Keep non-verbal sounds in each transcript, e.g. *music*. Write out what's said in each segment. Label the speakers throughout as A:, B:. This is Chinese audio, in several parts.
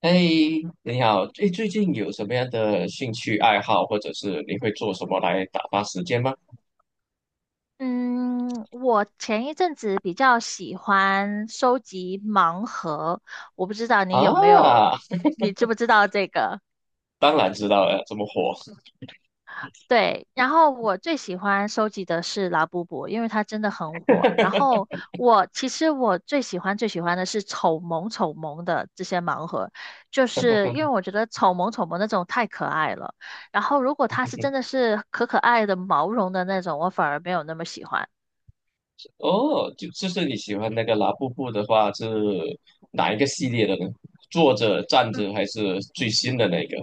A: 哎，你好，哎，最近有什么样的兴趣爱好，或者是你会做什么来打发时间吗？
B: 嗯，我前一阵子比较喜欢收集盲盒，我不知道你有没有，
A: 啊，
B: 你知不知道这个？
A: 当然知道了，这么火。
B: 对，然后我最喜欢收集的是拉布布，因为它真的很火。然
A: *laughs*
B: 后我其实我最喜欢的是丑萌丑萌的这些盲盒，就是因为我觉得丑萌丑萌那种太可爱了。然后如果它是真的是可可爱的毛绒的那种，我反而没有那么喜欢。
A: 哦，就是你喜欢那个拉布布的话，是哪一个系列的呢？坐着、站
B: 嗯。
A: 着，还是最新的那个？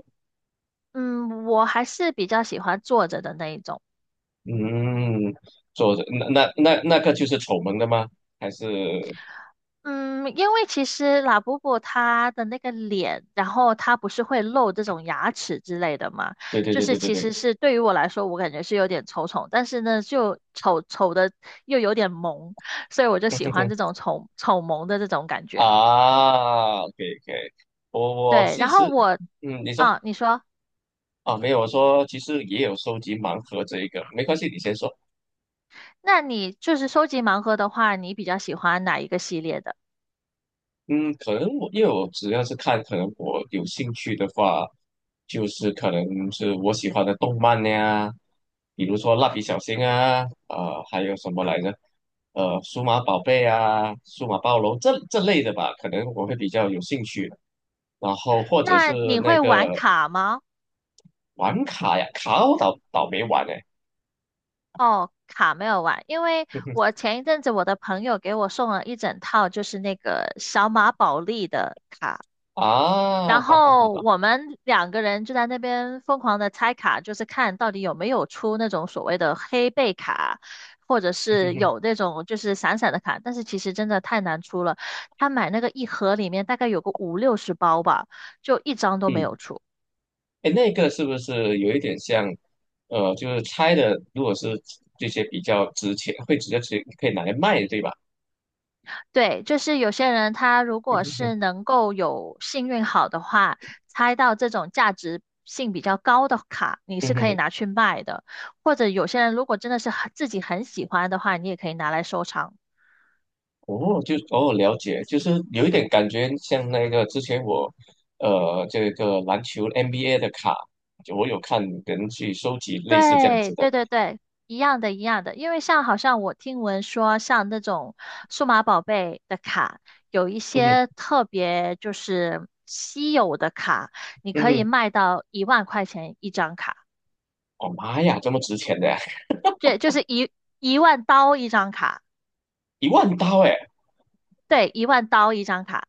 B: 嗯，我还是比较喜欢坐着的那一种。
A: 嗯，坐着，那个就是丑萌的吗？还是？
B: 嗯，因为其实拉布布它的那个脸，然后它不是会露这种牙齿之类的嘛，
A: 对对
B: 就
A: 对
B: 是
A: 对对
B: 其
A: 对。
B: 实是对于我来说，我感觉是有点丑丑，但是呢，就丑丑的又有点萌，所以我
A: *laughs*
B: 就喜欢
A: 嗯
B: 这种丑丑萌的这种感觉。
A: 啊，可以可以，我
B: 对，
A: 其
B: 然后
A: 实，你说。
B: 你说，
A: 啊，没有，我说其实也有收集盲盒这一个，没关系，你先说。
B: 那你就是收集盲盒的话，你比较喜欢哪一个系列的？
A: 嗯，可能我因为我只要是看，可能我有兴趣的话，就是可能是我喜欢的动漫呀，比如说蜡笔小新啊，还有什么来着？数码宝贝啊，数码暴龙这类的吧，可能我会比较有兴趣的。然后或者是
B: 那你
A: 那
B: 会
A: 个
B: 玩卡吗？
A: 玩卡呀，卡我倒没玩哎、
B: 哦，卡没有玩，因为我前一阵子我的朋友给我送了一整套，就是那个小马宝莉的卡，
A: *laughs* 啊，
B: 然
A: 哈哈哈
B: 后
A: 哈，
B: 我们两个人就在那边疯狂的拆卡，就是看到底有没有出那种所谓的黑背卡，或者是有那
A: *laughs*
B: 种就是闪闪的卡，但是其实真的太难出了，他买那个一盒里面大概有个50、60包吧，就一张都没
A: 嗯。
B: 有出。
A: 哎，那个是不是有一点像，就是拆的，如果是这些比较值钱，会直接可以拿来卖，对吧？
B: 对，就是有些人他如果是能够有幸运好的话，猜到这种价值性比较高的卡，
A: *laughs*
B: 你
A: 嗯
B: 是
A: 哼
B: 可以
A: 哼，
B: 拿去卖的。或者有些人如果真的是很自己很喜欢的话，你也可以拿来收藏。
A: 哦，就哦，了解，就是有一点感觉像那个之前我，这个篮球 NBA 的卡，就我有看人去收集类似这样
B: 对，
A: 子的，
B: 对对对，一样的，一样的。因为像好像我听闻说，像那种数码宝贝的卡，有一
A: 嗯哼，
B: 些特别就是稀有的卡，你
A: 嗯
B: 可以
A: 哼，
B: 卖到1万块钱一张卡。
A: 哦妈呀，这么值钱的呀，
B: 对，就是一万刀一张卡，
A: *laughs* 1万刀哎，
B: 对，一万刀一张卡，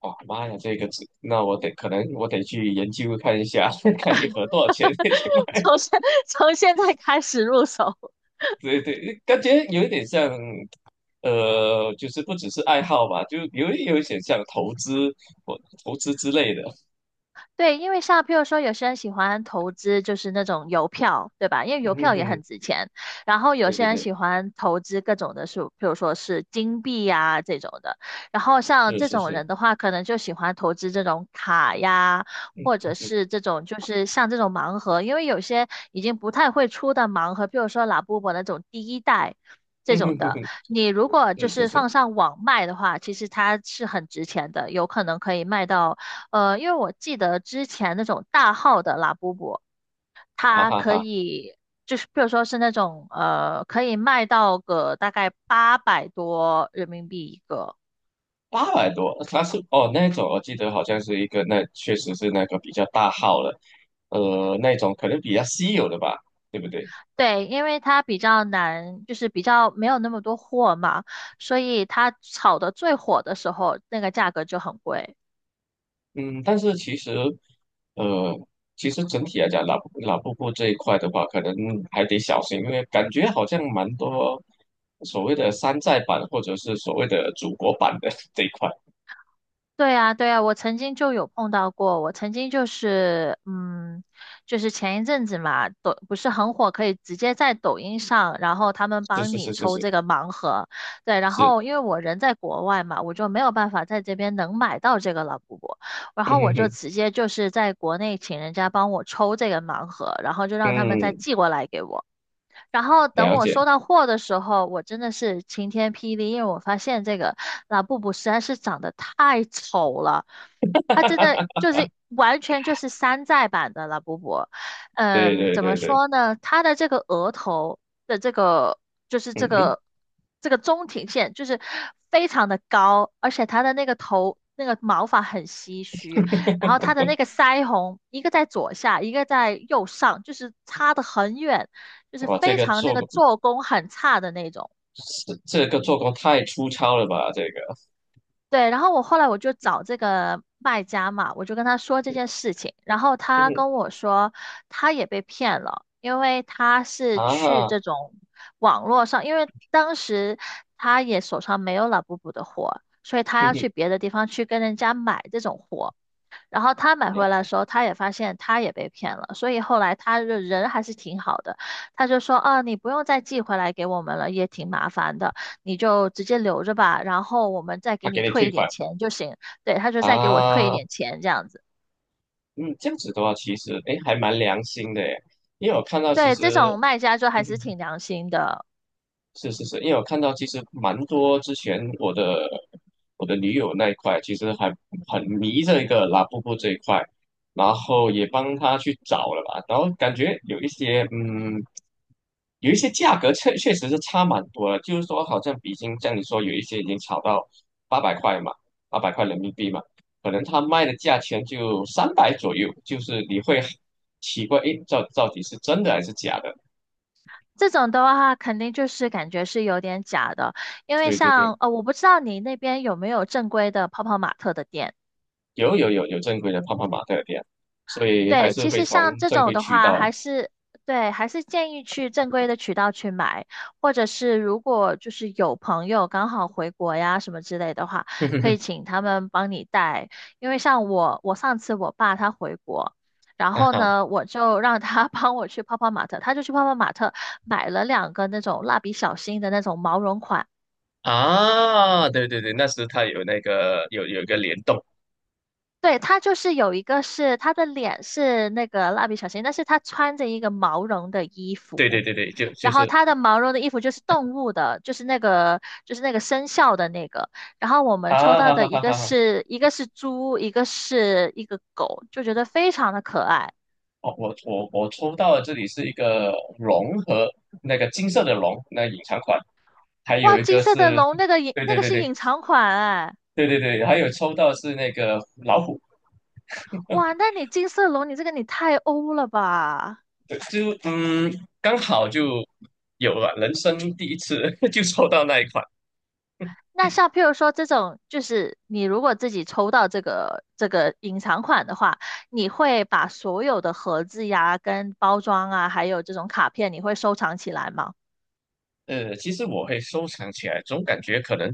A: 哦妈呀，这个值，那我得可能我得去研究看一下，*laughs* 看一盒多少钱，
B: *laughs*
A: *laughs*
B: 从现从现在开始入手。
A: 对对，感觉有一点像，就是不只是爱好吧，就有一点像投资或投资之类的。
B: 对，因为像譬如说，有些人喜欢投资就是那种邮票，对吧？因为
A: 嗯
B: 邮
A: 哼
B: 票也
A: 哼，
B: 很值钱。然后有
A: 对对
B: 些人
A: 对，
B: 喜欢投资各种的数，譬如说是金币呀、这种的。然后像
A: 是
B: 这
A: 是
B: 种
A: 是，
B: 人的话，可能就喜欢投资这种卡呀，或者是这种就是像这种盲盒，因为有些已经不太会出的盲盒，譬如说拉布布那种第一代。这
A: 嗯
B: 种
A: 哼哼
B: 的，
A: 哼，
B: 你如果就
A: 是是
B: 是
A: 是，
B: 放上网卖的话，其实它是很值钱的，有可能可以卖到因为我记得之前那种大号的拉布布，
A: 啊
B: 它
A: 哈
B: 可
A: 哈，
B: 以就是比如说是那种可以卖到个大概800多人民币一个。
A: 800多，它是哦那种，我记得好像是一个那确实是那个比较大号了，那种可能比较稀有的吧，对不对？
B: 对，因为它比较难，就是比较没有那么多货嘛，所以它炒的最火的时候，那个价格就很贵。
A: 嗯，但是其实，呃，其实整体来讲，老布布这一块的话，可能还得小心，因为感觉好像蛮多所谓的山寨版或者是所谓的祖国版的 *laughs* 这一块。
B: 对啊，对啊，我曾经就有碰到过。我曾经就是，就是前一阵子嘛，抖不是很火，可以直接在抖音上，然后他们
A: 是
B: 帮
A: 是
B: 你
A: 是是
B: 抽
A: 是
B: 这个盲盒。对，然
A: 是，
B: 后因为我人在国外嘛，我就没有办法在这边能买到这个老布布，然
A: 嗯
B: 后我
A: 哼
B: 就
A: 哼，
B: 直接就是在国内请人家帮我抽这个盲盒，然后就让他们再
A: 嗯，
B: 寄过来给我。然后等
A: 了
B: 我
A: 解，
B: 收到货的时候，我真的是晴天霹雳，因为我发现这个拉布布实在是长得太丑了，它真的就是完全就是山寨版的拉布布。
A: 对
B: 嗯，
A: 对
B: 怎么
A: 对对，
B: 说呢？它的这个额头的就是
A: 嗯
B: 这
A: 哼，
B: 个中庭线就是非常的高，而且它的那个头那个毛发很稀疏。然后他的那个腮红，一个在左下，一个在右上，就是差得很远，就是
A: 哇，这
B: 非
A: 个
B: 常那
A: 做
B: 个
A: 工，
B: 做工很差的那种。
A: 这个做工太粗糙了吧，这个，
B: 对，然后后来我就找这个卖家嘛，我就跟他说这件事情，然后
A: 嗯
B: 他
A: 哼，
B: 跟我说他也被骗了，因为他是去
A: 啊，
B: 这种网络上，因为当时他也手上没有 LAB 的货，所以他
A: 嗯
B: 要
A: 哼，
B: 去别的地方去跟人家买这种货。然后他买回来的时候，他也发现他也被骗了，所以后来他的人还是挺好的，他就说啊，你不用再寄回来给我们了，也挺麻烦的，你就直接留着吧，然后我们再
A: 他
B: 给
A: 给
B: 你
A: 你
B: 退
A: 退
B: 一
A: 款
B: 点钱就行。对，他就再给我退一
A: 啊。
B: 点钱这样子。
A: 嗯，这样子的话，其实哎，诶还蛮良心的耶，因为我看到其
B: 对，这
A: 实，
B: 种卖家就还是
A: 嗯，
B: 挺良心的。
A: 是是是，因为我看到其实蛮多之前我的女友那一块，其实还很迷这个拉布布这一块，然后也帮她去找了吧，然后感觉有一些价格确实是差蛮多了，就是说好像比金像你说有一些已经炒到八百块嘛，800块人民币嘛，可能他卖的价钱就300左右，就是你会奇怪，诶，到底是真的还是假的？
B: 这种的话，肯定就是感觉是有点假的，因为
A: 对对对。
B: 像我不知道你那边有没有正规的泡泡玛特的店。
A: 有正规的泡泡玛特的店，所以还
B: 对，
A: 是
B: 其
A: 会
B: 实
A: 从
B: 像这
A: 正
B: 种
A: 规
B: 的
A: 渠
B: 话，还
A: 道。
B: 是对，还是建议去正规的渠道去买，或者是如果就是有朋友刚好回国呀什么之类的话，
A: *laughs* 哼哼
B: 可以
A: 哼，
B: 请他们帮你带。因为像我，我上次我爸他回国，然
A: 啊
B: 后
A: 哈
B: 呢，我就让他 *laughs* 帮我去泡泡玛特，他就去泡泡玛特买了两个那种蜡笔小新的那种毛绒款。
A: 啊，对对对，那时它有那个有一个联动，
B: 对，他就是有一个是他的脸是那个蜡笔小新，但是他穿着一个毛绒的衣
A: 对对
B: 服。
A: 对对，就就
B: 然后
A: 是
B: 它的毛绒的衣服就是动物的，就是那个生肖的那个。然后我们抽
A: 啊
B: 到
A: 哈
B: 的
A: 哈哈哈哈，
B: 一个是猪，一个狗，就觉得非常的可爱。
A: 哦，我抽到的这里是一个龙和那个金色的龙，那隐藏款，还有
B: 哇，
A: 一
B: 金
A: 个
B: 色的
A: 是，
B: 龙那个隐
A: 对
B: 那
A: 对
B: 个
A: 对
B: 是
A: 对
B: 隐藏款哎，
A: 对对对，还有抽到是那个老虎，
B: 哇，那你金色龙你这个你太欧了吧？
A: 对就刚好就有了人生第一次 *laughs* 就抽到那一款。
B: 那像譬如说这种，就是你如果自己抽到这个隐藏款的话，你会把所有的盒子呀、跟包装啊，还有这种卡片，你会收藏起来吗？
A: 其实我会收藏起来，总感觉可能，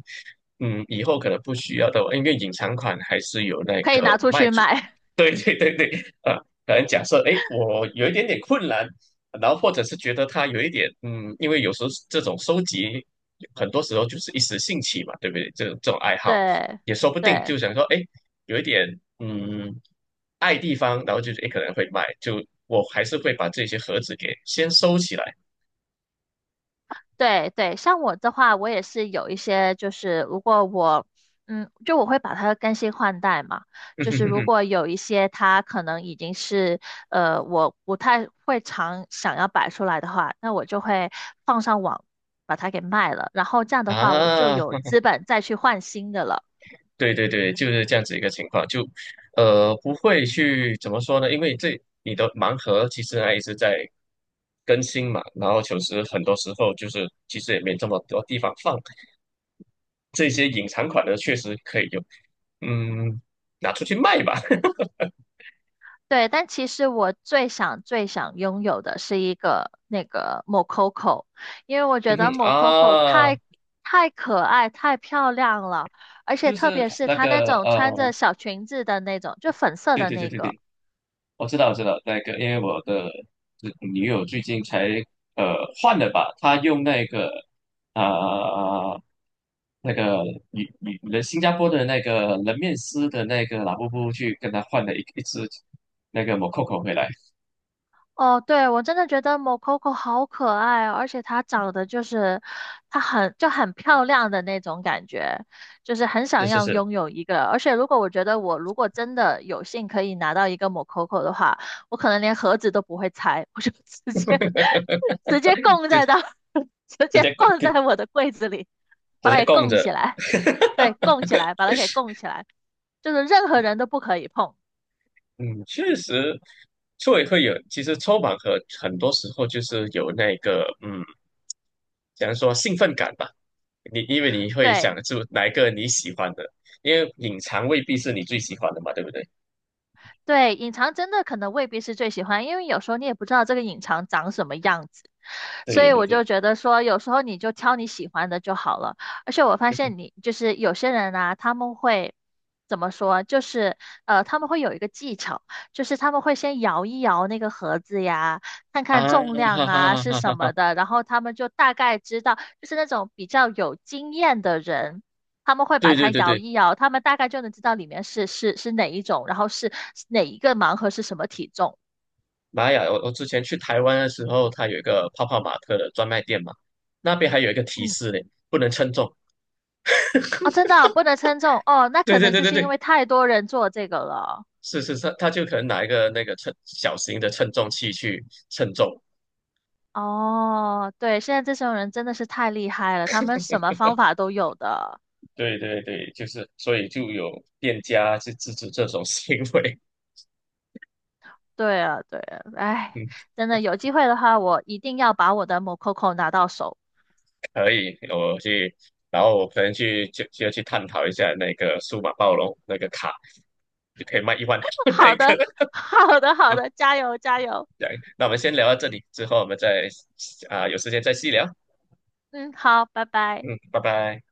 A: 以后可能不需要的，因为隐藏款还是有那
B: 可以
A: 个
B: 拿出
A: 卖
B: 去
A: 主。
B: 卖。
A: *laughs* 对对对对，啊，可能假设，哎，我有一点点困难，然后或者是觉得它有一点，因为有时候这种收集，很多时候就是一时兴起嘛，对不对？这种爱
B: *laughs*
A: 好，
B: 对，
A: 也说不定
B: 对，
A: 就想说，哎，有一点，嗯，爱地方，然后就是，哎，可能会卖，就我还是会把这些盒子给先收起来。
B: 对，对，像我的话，我也是有一些，就是如果我，就我会把它更新换代嘛。就是如果
A: *laughs*
B: 有一些它可能已经是，我不太会常想要摆出来的话，那我就会放上网把它给卖了。然后这样的话，我就
A: 啊，
B: 有资本再去换新的了。
A: 对对对，就是这样子一个情况，就不会去怎么说呢？因为这你的盲盒其实还一直在更新嘛，然后其实很多时候就是其实也没这么多地方放这些隐藏款的，确实可以用，嗯，拿出去卖吧。*laughs*
B: 对，但其实我最想最想拥有的是一个那个 Mococo,因为我
A: 嗯
B: 觉得
A: 哼
B: Mococo
A: 啊，
B: 太可爱、太漂亮了，而且
A: 就
B: 特
A: 是
B: 别是
A: 那
B: 她那
A: 个
B: 种穿着小裙子的那种，就粉色
A: 对
B: 的
A: 对对
B: 那
A: 对
B: 个，
A: 对。我知道，我知道，那个，因为我的女友最近才呃换了吧，她用那个啊、那个女人新加坡的那个人面狮的那个拉布布去跟她换了一只那个 Mococo 回来，
B: 哦，对，我真的觉得某 o c o c o 好可爱哦，而且它长得就是，它很就很漂亮的那种感觉，就是很
A: 是
B: 想
A: 是
B: 要
A: 是，
B: 拥有一个。而且如果我觉得我如果真的有幸可以拿到一个某 o c o c o 的话，我可能连盒子都不会拆，我就直接 *laughs* 供在
A: 直
B: 到，*laughs* 直
A: 直
B: 接
A: 接供
B: 放在
A: 跟
B: 我的柜子里，把
A: 直
B: 它
A: 接
B: 给
A: 供
B: 供
A: 着，
B: 起来。对，供起来，把它给供起来，就是任何人都不可以碰。
A: 嗯，确实，所以会有，其实抽盲盒很多时候就是有那个，嗯。假如说兴奋感吧？你因为你会想
B: 对，
A: 出哪一个你喜欢的，因为隐藏未必是你最喜欢的嘛，对不对？
B: 对，隐藏真的可能未必是最喜欢，因为有时候你也不知道这个隐藏长什么样子。所
A: 对
B: 以
A: 对
B: 我
A: 对。
B: 就觉得说，有时候你就挑你喜欢的就好了。而且我发现
A: *laughs*
B: 你就是有些人啊，他们会怎么说？就是他们会有一个技巧，就是他们会先摇一摇那个盒子呀，看看
A: 啊，
B: 重量
A: 哈
B: 啊
A: 哈哈
B: 是
A: 哈哈！
B: 什
A: 哈，
B: 么的，然后他们就大概知道，就是那种比较有经验的人。他们会
A: 对
B: 把
A: 对
B: 它
A: 对
B: 摇
A: 对，
B: 一摇，他们大概就能知道里面是哪一种，然后是哪一个盲盒是什么体重。
A: 玛雅，我之前去台湾的时候，它有一个泡泡玛特的专卖店嘛，那边还有一个提
B: 嗯
A: 示呢，不能称重。
B: 哦，真的哦不能称重哦，那
A: 对
B: 可
A: 对
B: 能
A: 对
B: 就
A: 对
B: 是因
A: 对，
B: 为太多人做这个了。
A: 是是是，他就可能拿一个那个称小型的称重器去称重。
B: 哦，对，现在这种人真的是太厉害了，他们什么方法都有的。
A: 对对对，就是所以就有店家去制止这种行为。
B: 对啊，对啊，哎，
A: *laughs*
B: 真的有机会的话，我一定要把我的 Mococo 拿到手。
A: 可以，我去，然后我可能去就去探讨一下那个数码暴龙那个卡，就可以卖一万
B: *laughs*
A: *laughs*
B: 好
A: 那
B: 的，
A: 个。
B: *laughs* 好的，好
A: 啊，
B: 的，加油，加油。
A: 对，那我们先聊到这里，之后我们再啊、有时间再细聊。
B: 嗯，好，拜拜。
A: 嗯，拜拜。